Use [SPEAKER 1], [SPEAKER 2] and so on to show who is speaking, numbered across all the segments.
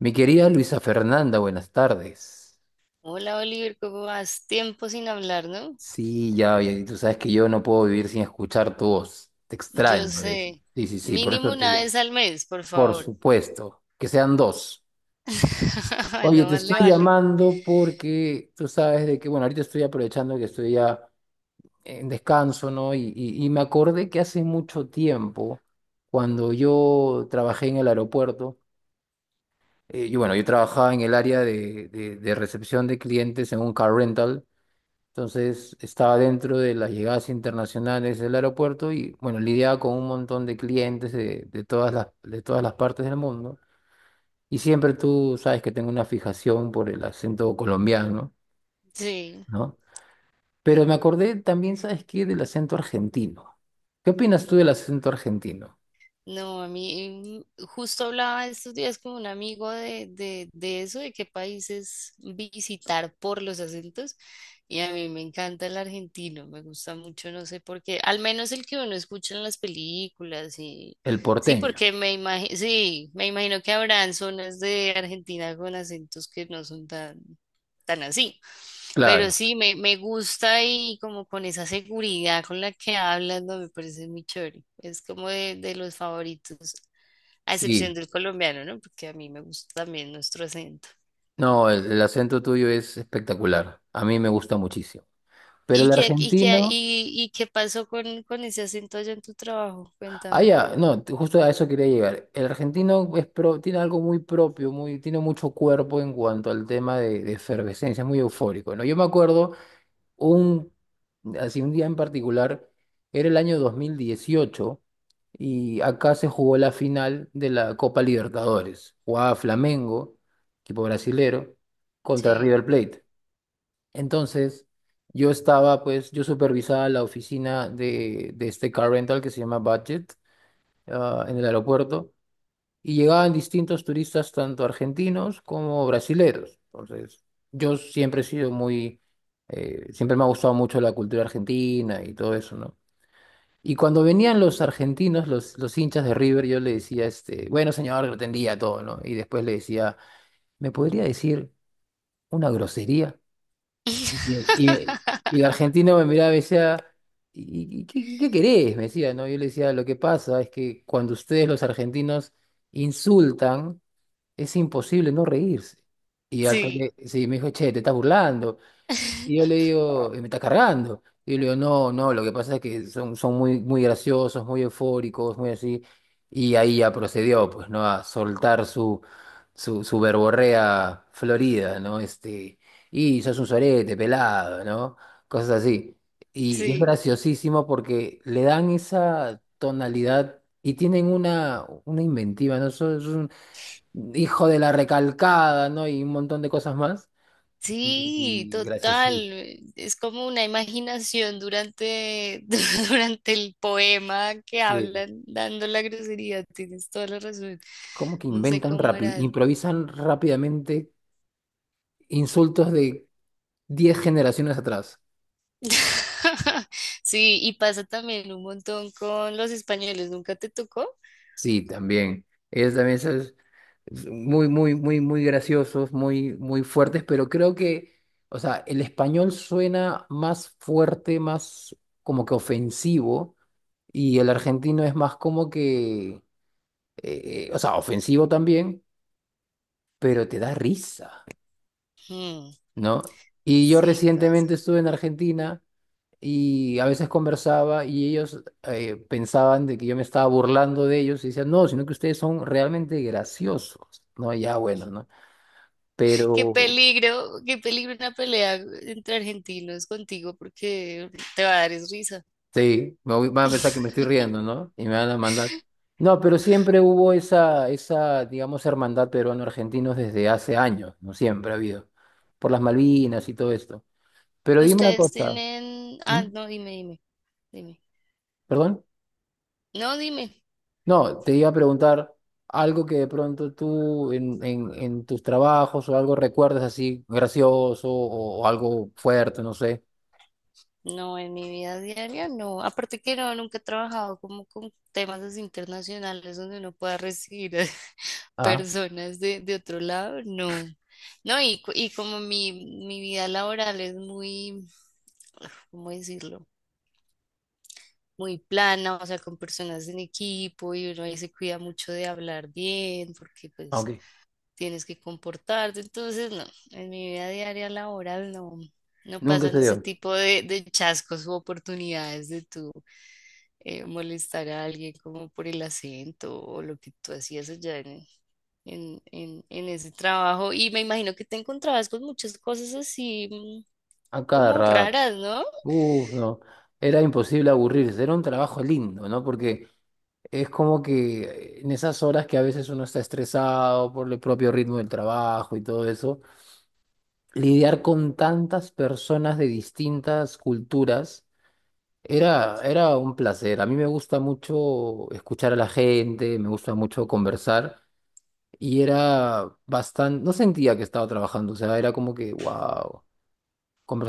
[SPEAKER 1] Mi querida Luisa Fernanda, buenas tardes.
[SPEAKER 2] Hola Oliver, ¿cómo vas? Tiempo sin hablar, ¿no?
[SPEAKER 1] Sí, ya, ya, tú sabes que yo no puedo vivir sin escuchar tu voz. Te
[SPEAKER 2] Yo
[SPEAKER 1] extraño, ¿ves?
[SPEAKER 2] sé,
[SPEAKER 1] Sí, sí, sí, por
[SPEAKER 2] mínimo
[SPEAKER 1] eso te
[SPEAKER 2] una
[SPEAKER 1] llamo.
[SPEAKER 2] vez al mes, por
[SPEAKER 1] Por
[SPEAKER 2] favor.
[SPEAKER 1] supuesto, que sean dos. Oye,
[SPEAKER 2] No
[SPEAKER 1] te
[SPEAKER 2] más le
[SPEAKER 1] estoy
[SPEAKER 2] vale.
[SPEAKER 1] llamando porque tú sabes de que, bueno, ahorita estoy aprovechando que estoy ya en descanso, ¿no? Y me acordé que hace mucho tiempo, cuando yo trabajé en el aeropuerto, yo trabajaba en el área de, de recepción de clientes en un car rental. Entonces estaba dentro de las llegadas internacionales del aeropuerto y bueno, lidiaba con un montón de clientes de todas las partes del mundo. Y siempre tú sabes que tengo una fijación por el acento colombiano,
[SPEAKER 2] Sí.
[SPEAKER 1] ¿no? Pero me acordé también, ¿sabes qué? Del acento argentino. ¿Qué opinas tú del acento argentino?
[SPEAKER 2] No, a mí justo hablaba estos días con un amigo de eso, de qué países visitar por los acentos. Y a mí me encanta el argentino, me gusta mucho, no sé por qué, al menos el que uno escucha en las películas y
[SPEAKER 1] El
[SPEAKER 2] sí,
[SPEAKER 1] porteño,
[SPEAKER 2] porque me imagino, sí, me imagino que habrán zonas de Argentina con acentos que no son tan así. Pero
[SPEAKER 1] claro.
[SPEAKER 2] sí, me gusta y como con esa seguridad con la que hablas, no me parece muy chévere. Es como de los favoritos, a excepción
[SPEAKER 1] Sí.
[SPEAKER 2] del colombiano, ¿no? Porque a mí me gusta también nuestro acento.
[SPEAKER 1] No, el acento tuyo es espectacular. A mí me gusta muchísimo. Pero
[SPEAKER 2] ¿Y
[SPEAKER 1] el
[SPEAKER 2] qué, y qué,
[SPEAKER 1] argentino...
[SPEAKER 2] y qué pasó con ese acento allá en tu trabajo?
[SPEAKER 1] Ah,
[SPEAKER 2] Cuéntame.
[SPEAKER 1] ya, no, t- justo a eso quería llegar. El argentino es tiene algo muy propio, muy, tiene mucho cuerpo en cuanto al tema de efervescencia, es muy eufórico, ¿no? Yo me acuerdo un, así un día en particular, era el año 2018 y acá se jugó la final de la Copa Libertadores. Jugaba Flamengo, equipo brasilero, contra
[SPEAKER 2] Sí.
[SPEAKER 1] River Plate. Entonces, yo estaba, pues, yo supervisaba la oficina de este car rental que se llama Budget en el aeropuerto y llegaban distintos turistas, tanto argentinos como brasileros. Entonces, yo siempre he sido muy, siempre me ha gustado mucho la cultura argentina y todo eso, ¿no? Y cuando venían los argentinos, los hinchas de River, yo le decía, este, bueno, señor, lo atendía todo, ¿no? Y después le decía, ¿me podría decir una grosería? Y, y- y el argentino me miraba y me decía, ¿y, qué querés? Me decía, ¿no? Yo le decía, lo que pasa es que cuando ustedes los argentinos insultan, es imposible no reírse. Y al
[SPEAKER 2] Sí,
[SPEAKER 1] toque, sí, me dijo, che, te estás burlando. Y yo le digo, me está cargando." Y yo le digo, no, no, lo que pasa es que son, son muy, muy graciosos, muy eufóricos, muy así. Y ahí ya procedió, pues, ¿no? A soltar su, su verborrea florida, ¿no? Este, y sos un sorete, pelado, ¿no? Cosas así. Y es
[SPEAKER 2] sí.
[SPEAKER 1] graciosísimo porque le dan esa tonalidad y tienen una inventiva, ¿no? Sos un hijo de la recalcada, ¿no? Y un montón de cosas más. Y,
[SPEAKER 2] Sí,
[SPEAKER 1] y graciosísimo.
[SPEAKER 2] total. Es como una imaginación durante, durante el poema que
[SPEAKER 1] Sí.
[SPEAKER 2] hablan dando la grosería. Tienes toda la razón.
[SPEAKER 1] ¿Cómo que
[SPEAKER 2] No sé
[SPEAKER 1] inventan
[SPEAKER 2] cómo
[SPEAKER 1] rápido?
[SPEAKER 2] harán.
[SPEAKER 1] Improvisan rápidamente insultos de 10 generaciones atrás.
[SPEAKER 2] Sí, y pasa también un montón con los españoles. ¿Nunca te tocó?
[SPEAKER 1] Sí, también. Ellos también son muy, muy, muy, muy graciosos, muy, muy fuertes, pero creo que, o sea, el español suena más fuerte, más como que ofensivo, y el argentino es más como que, o sea, ofensivo también, pero te da risa,
[SPEAKER 2] Mm,
[SPEAKER 1] ¿no? Y yo
[SPEAKER 2] sí,
[SPEAKER 1] recientemente
[SPEAKER 2] pasa.
[SPEAKER 1] estuve en Argentina. Y a veces conversaba y ellos pensaban de que yo me estaba burlando de ellos y decían, no, sino que ustedes son realmente graciosos, ¿no? Ya bueno, ¿no? Pero
[SPEAKER 2] Qué peligro una pelea entre argentinos contigo porque te va a dar es risa.
[SPEAKER 1] sí, van a pensar que me estoy riendo, ¿no? Y me van a mandar. No, pero siempre hubo esa, esa, digamos, hermandad peruano-argentinos desde hace años, ¿no? Siempre ha habido, por las Malvinas y todo esto. Pero dime una
[SPEAKER 2] Ustedes
[SPEAKER 1] cosa,
[SPEAKER 2] tienen...
[SPEAKER 1] ¿mm?
[SPEAKER 2] Ah, no, dime, dime, dime.
[SPEAKER 1] ¿Perdón?
[SPEAKER 2] No, dime.
[SPEAKER 1] No, te iba a preguntar algo que de pronto tú en tus trabajos o algo recuerdas así gracioso o algo fuerte, no sé.
[SPEAKER 2] No, en mi vida diaria no. Aparte que no, nunca he trabajado como con temas así internacionales donde uno pueda recibir
[SPEAKER 1] Ah,
[SPEAKER 2] personas de otro lado, no. No, y, co- y como mi vida laboral es muy, ¿cómo decirlo? Muy plana, o sea, con personas en equipo y uno ahí se cuida mucho de hablar bien, porque pues
[SPEAKER 1] ok.
[SPEAKER 2] tienes que comportarte. Entonces, no, en mi vida diaria laboral no, no
[SPEAKER 1] Nunca
[SPEAKER 2] pasan
[SPEAKER 1] se
[SPEAKER 2] ese
[SPEAKER 1] dio.
[SPEAKER 2] tipo de chascos u oportunidades de tú molestar a alguien como por el acento o lo que tú hacías allá en, en ese trabajo. Y me imagino que te encontrabas con muchas cosas así
[SPEAKER 1] A cada
[SPEAKER 2] como
[SPEAKER 1] rato.
[SPEAKER 2] raras, ¿no?
[SPEAKER 1] Uf, no. Era imposible aburrirse. Era un trabajo lindo, ¿no? Porque es como que en esas horas que a veces uno está estresado por el propio ritmo del trabajo y todo eso, lidiar con tantas personas de distintas culturas era, era un placer. A mí me gusta mucho escuchar a la gente, me gusta mucho conversar y era bastante, no sentía que estaba trabajando, o sea, era como que, wow,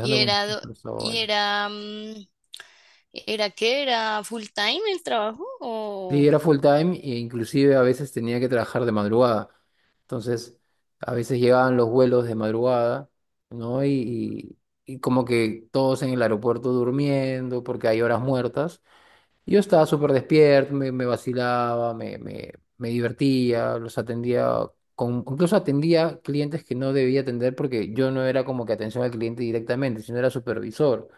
[SPEAKER 2] Y
[SPEAKER 1] con
[SPEAKER 2] era,
[SPEAKER 1] estas
[SPEAKER 2] do- y
[SPEAKER 1] personas.
[SPEAKER 2] era, ¿era qué? ¿Era full time el trabajo?
[SPEAKER 1] Sí,
[SPEAKER 2] O...
[SPEAKER 1] era full time e inclusive a veces tenía que trabajar de madrugada. Entonces, a veces llegaban los vuelos de madrugada, ¿no? Y como que todos en el aeropuerto durmiendo porque hay horas muertas. Yo estaba súper despierto, me vacilaba, me divertía, los atendía, con, incluso atendía clientes que no debía atender porque yo no era como que atención al cliente directamente, sino era supervisor.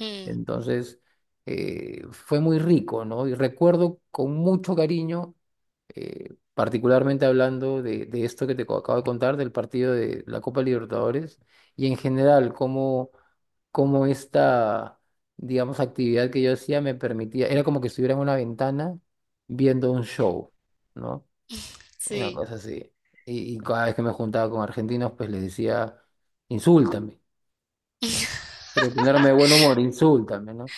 [SPEAKER 2] Mm,
[SPEAKER 1] Entonces, fue muy rico, ¿no? Y recuerdo con mucho cariño particularmente hablando de esto que acabo de contar, del partido de la Copa Libertadores, y en general, cómo, cómo esta, digamos, actividad que yo hacía me permitía, era como que estuviera en una ventana viendo un show, ¿no? Una
[SPEAKER 2] sí.
[SPEAKER 1] cosa así. Y cada vez que me juntaba con argentinos, pues les decía, insúltame, ¿no? Quiero ponerme de buen humor, insúltame, ¿no?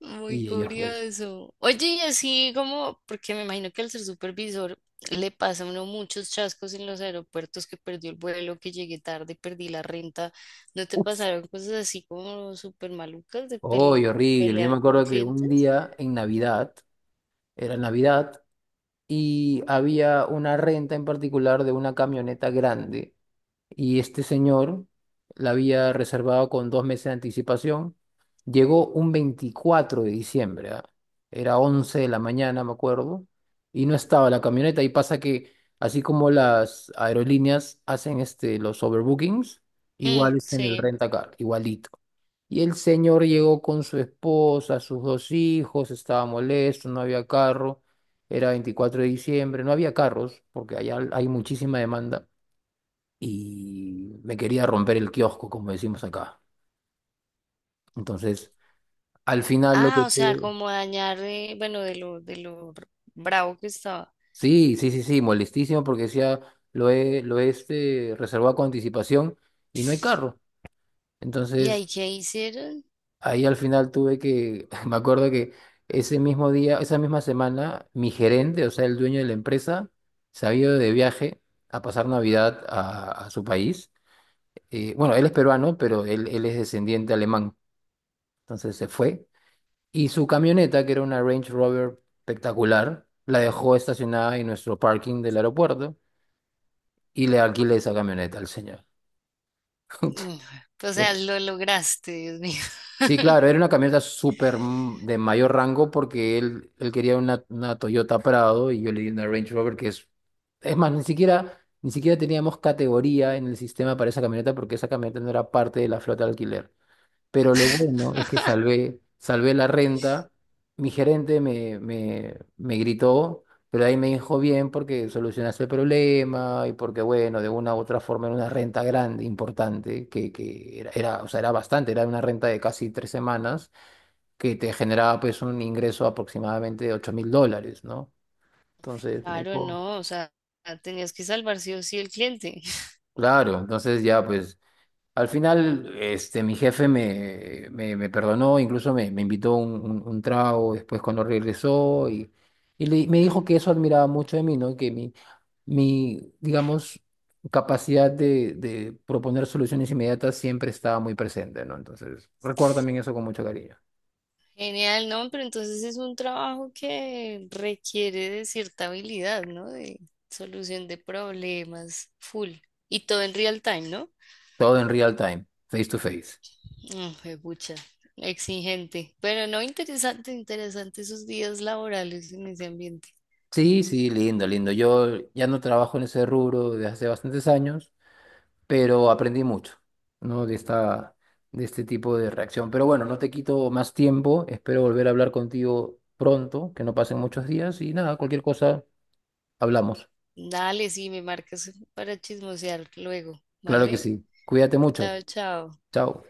[SPEAKER 2] Muy
[SPEAKER 1] Y ellos, pues,
[SPEAKER 2] curioso. Oye, y así como, porque me imagino que al ser supervisor le pasa a uno muchos chascos en los aeropuertos, que perdió el vuelo, que llegué tarde, perdí la renta. ¿No te
[SPEAKER 1] ¡uf!
[SPEAKER 2] pasaron cosas así como súper malucas de
[SPEAKER 1] ¡Uy,
[SPEAKER 2] pele- co-
[SPEAKER 1] horrible! Yo me
[SPEAKER 2] pelear con
[SPEAKER 1] acuerdo que un
[SPEAKER 2] clientes?
[SPEAKER 1] día en Navidad, era Navidad, y había una renta en particular de una camioneta grande y este señor la había reservado con 2 meses de anticipación. Llegó un 24 de diciembre, ¿ah? Era 11 de la mañana, me acuerdo, y no estaba la camioneta y pasa que así como las aerolíneas hacen este, los overbookings,
[SPEAKER 2] Mm,
[SPEAKER 1] igual es en el
[SPEAKER 2] sí.
[SPEAKER 1] rentacar, igualito. Y el señor llegó con su esposa, sus 2 hijos, estaba molesto, no había carro, era 24 de diciembre, no había carros, porque allá hay muchísima demanda, y me quería romper el kiosco, como decimos acá. Entonces, al final lo
[SPEAKER 2] Ah,
[SPEAKER 1] que
[SPEAKER 2] o sea,
[SPEAKER 1] tú...
[SPEAKER 2] como dañar, bueno, de lo r- bravo que estaba.
[SPEAKER 1] Sí, sí, sí, sí, molestísimo porque decía, lo he este, reservado con anticipación y no hay carro.
[SPEAKER 2] ¿Y
[SPEAKER 1] Entonces...
[SPEAKER 2] ahí qué hicieron?
[SPEAKER 1] Ahí al final tuve que, me acuerdo que ese mismo día, esa misma semana, mi gerente, o sea, el dueño de la empresa, se había ido de viaje a pasar Navidad a su país. Bueno, él es peruano, pero él es descendiente alemán. Entonces se fue. Y su camioneta, que era una Range Rover espectacular, la dejó estacionada en nuestro parking del aeropuerto y le alquilé esa camioneta al señor.
[SPEAKER 2] Mm. O sea, lo lograste, Dios mío.
[SPEAKER 1] Sí, claro, era una camioneta de mayor rango porque él quería una Toyota Prado y yo le di una Range Rover que es... Es más, ni siquiera, ni siquiera teníamos categoría en el sistema para esa camioneta porque esa camioneta no era parte de la flota de alquiler. Pero lo bueno es que salvé, salvé la renta. Mi gerente me gritó, pero ahí me dijo bien porque solucionaste el problema y porque, bueno, de una u otra forma era una renta grande, importante, que era, era, o sea, era bastante, era una renta de casi 3 semanas que te generaba pues un ingreso aproximadamente de $8,000, ¿no? Entonces me
[SPEAKER 2] Claro,
[SPEAKER 1] dijo,
[SPEAKER 2] no, o sea, tenías que salvar sí o sí el cliente.
[SPEAKER 1] claro, entonces ya pues al final, este, mi jefe me perdonó, incluso me, me invitó un trago después cuando regresó y, me dijo que eso admiraba mucho de mí, ¿no? Que mi, digamos, capacidad de proponer soluciones inmediatas siempre estaba muy presente, ¿no? Entonces, recuerdo también eso con mucho cariño.
[SPEAKER 2] Genial, ¿no? Pero entonces es un trabajo que requiere de cierta habilidad, ¿no? De solución de problemas, full. Y todo en real time, ¿no?
[SPEAKER 1] Todo en real time, face to face.
[SPEAKER 2] Mm, pucha, exigente. Pero no, interesante, interesante esos días laborales en ese ambiente.
[SPEAKER 1] Sí, sí, lindo, lindo. Yo ya no trabajo en ese rubro desde hace bastantes años, pero aprendí mucho, ¿no? De esta, de este tipo de reacción. Pero bueno, no te quito más tiempo, espero volver a hablar contigo pronto, que no pasen muchos días y nada, cualquier cosa, hablamos.
[SPEAKER 2] Dale, sí, me marcas para chismosear luego,
[SPEAKER 1] Claro que
[SPEAKER 2] ¿vale?
[SPEAKER 1] sí. Cuídate mucho.
[SPEAKER 2] Chao, chao.
[SPEAKER 1] Chao.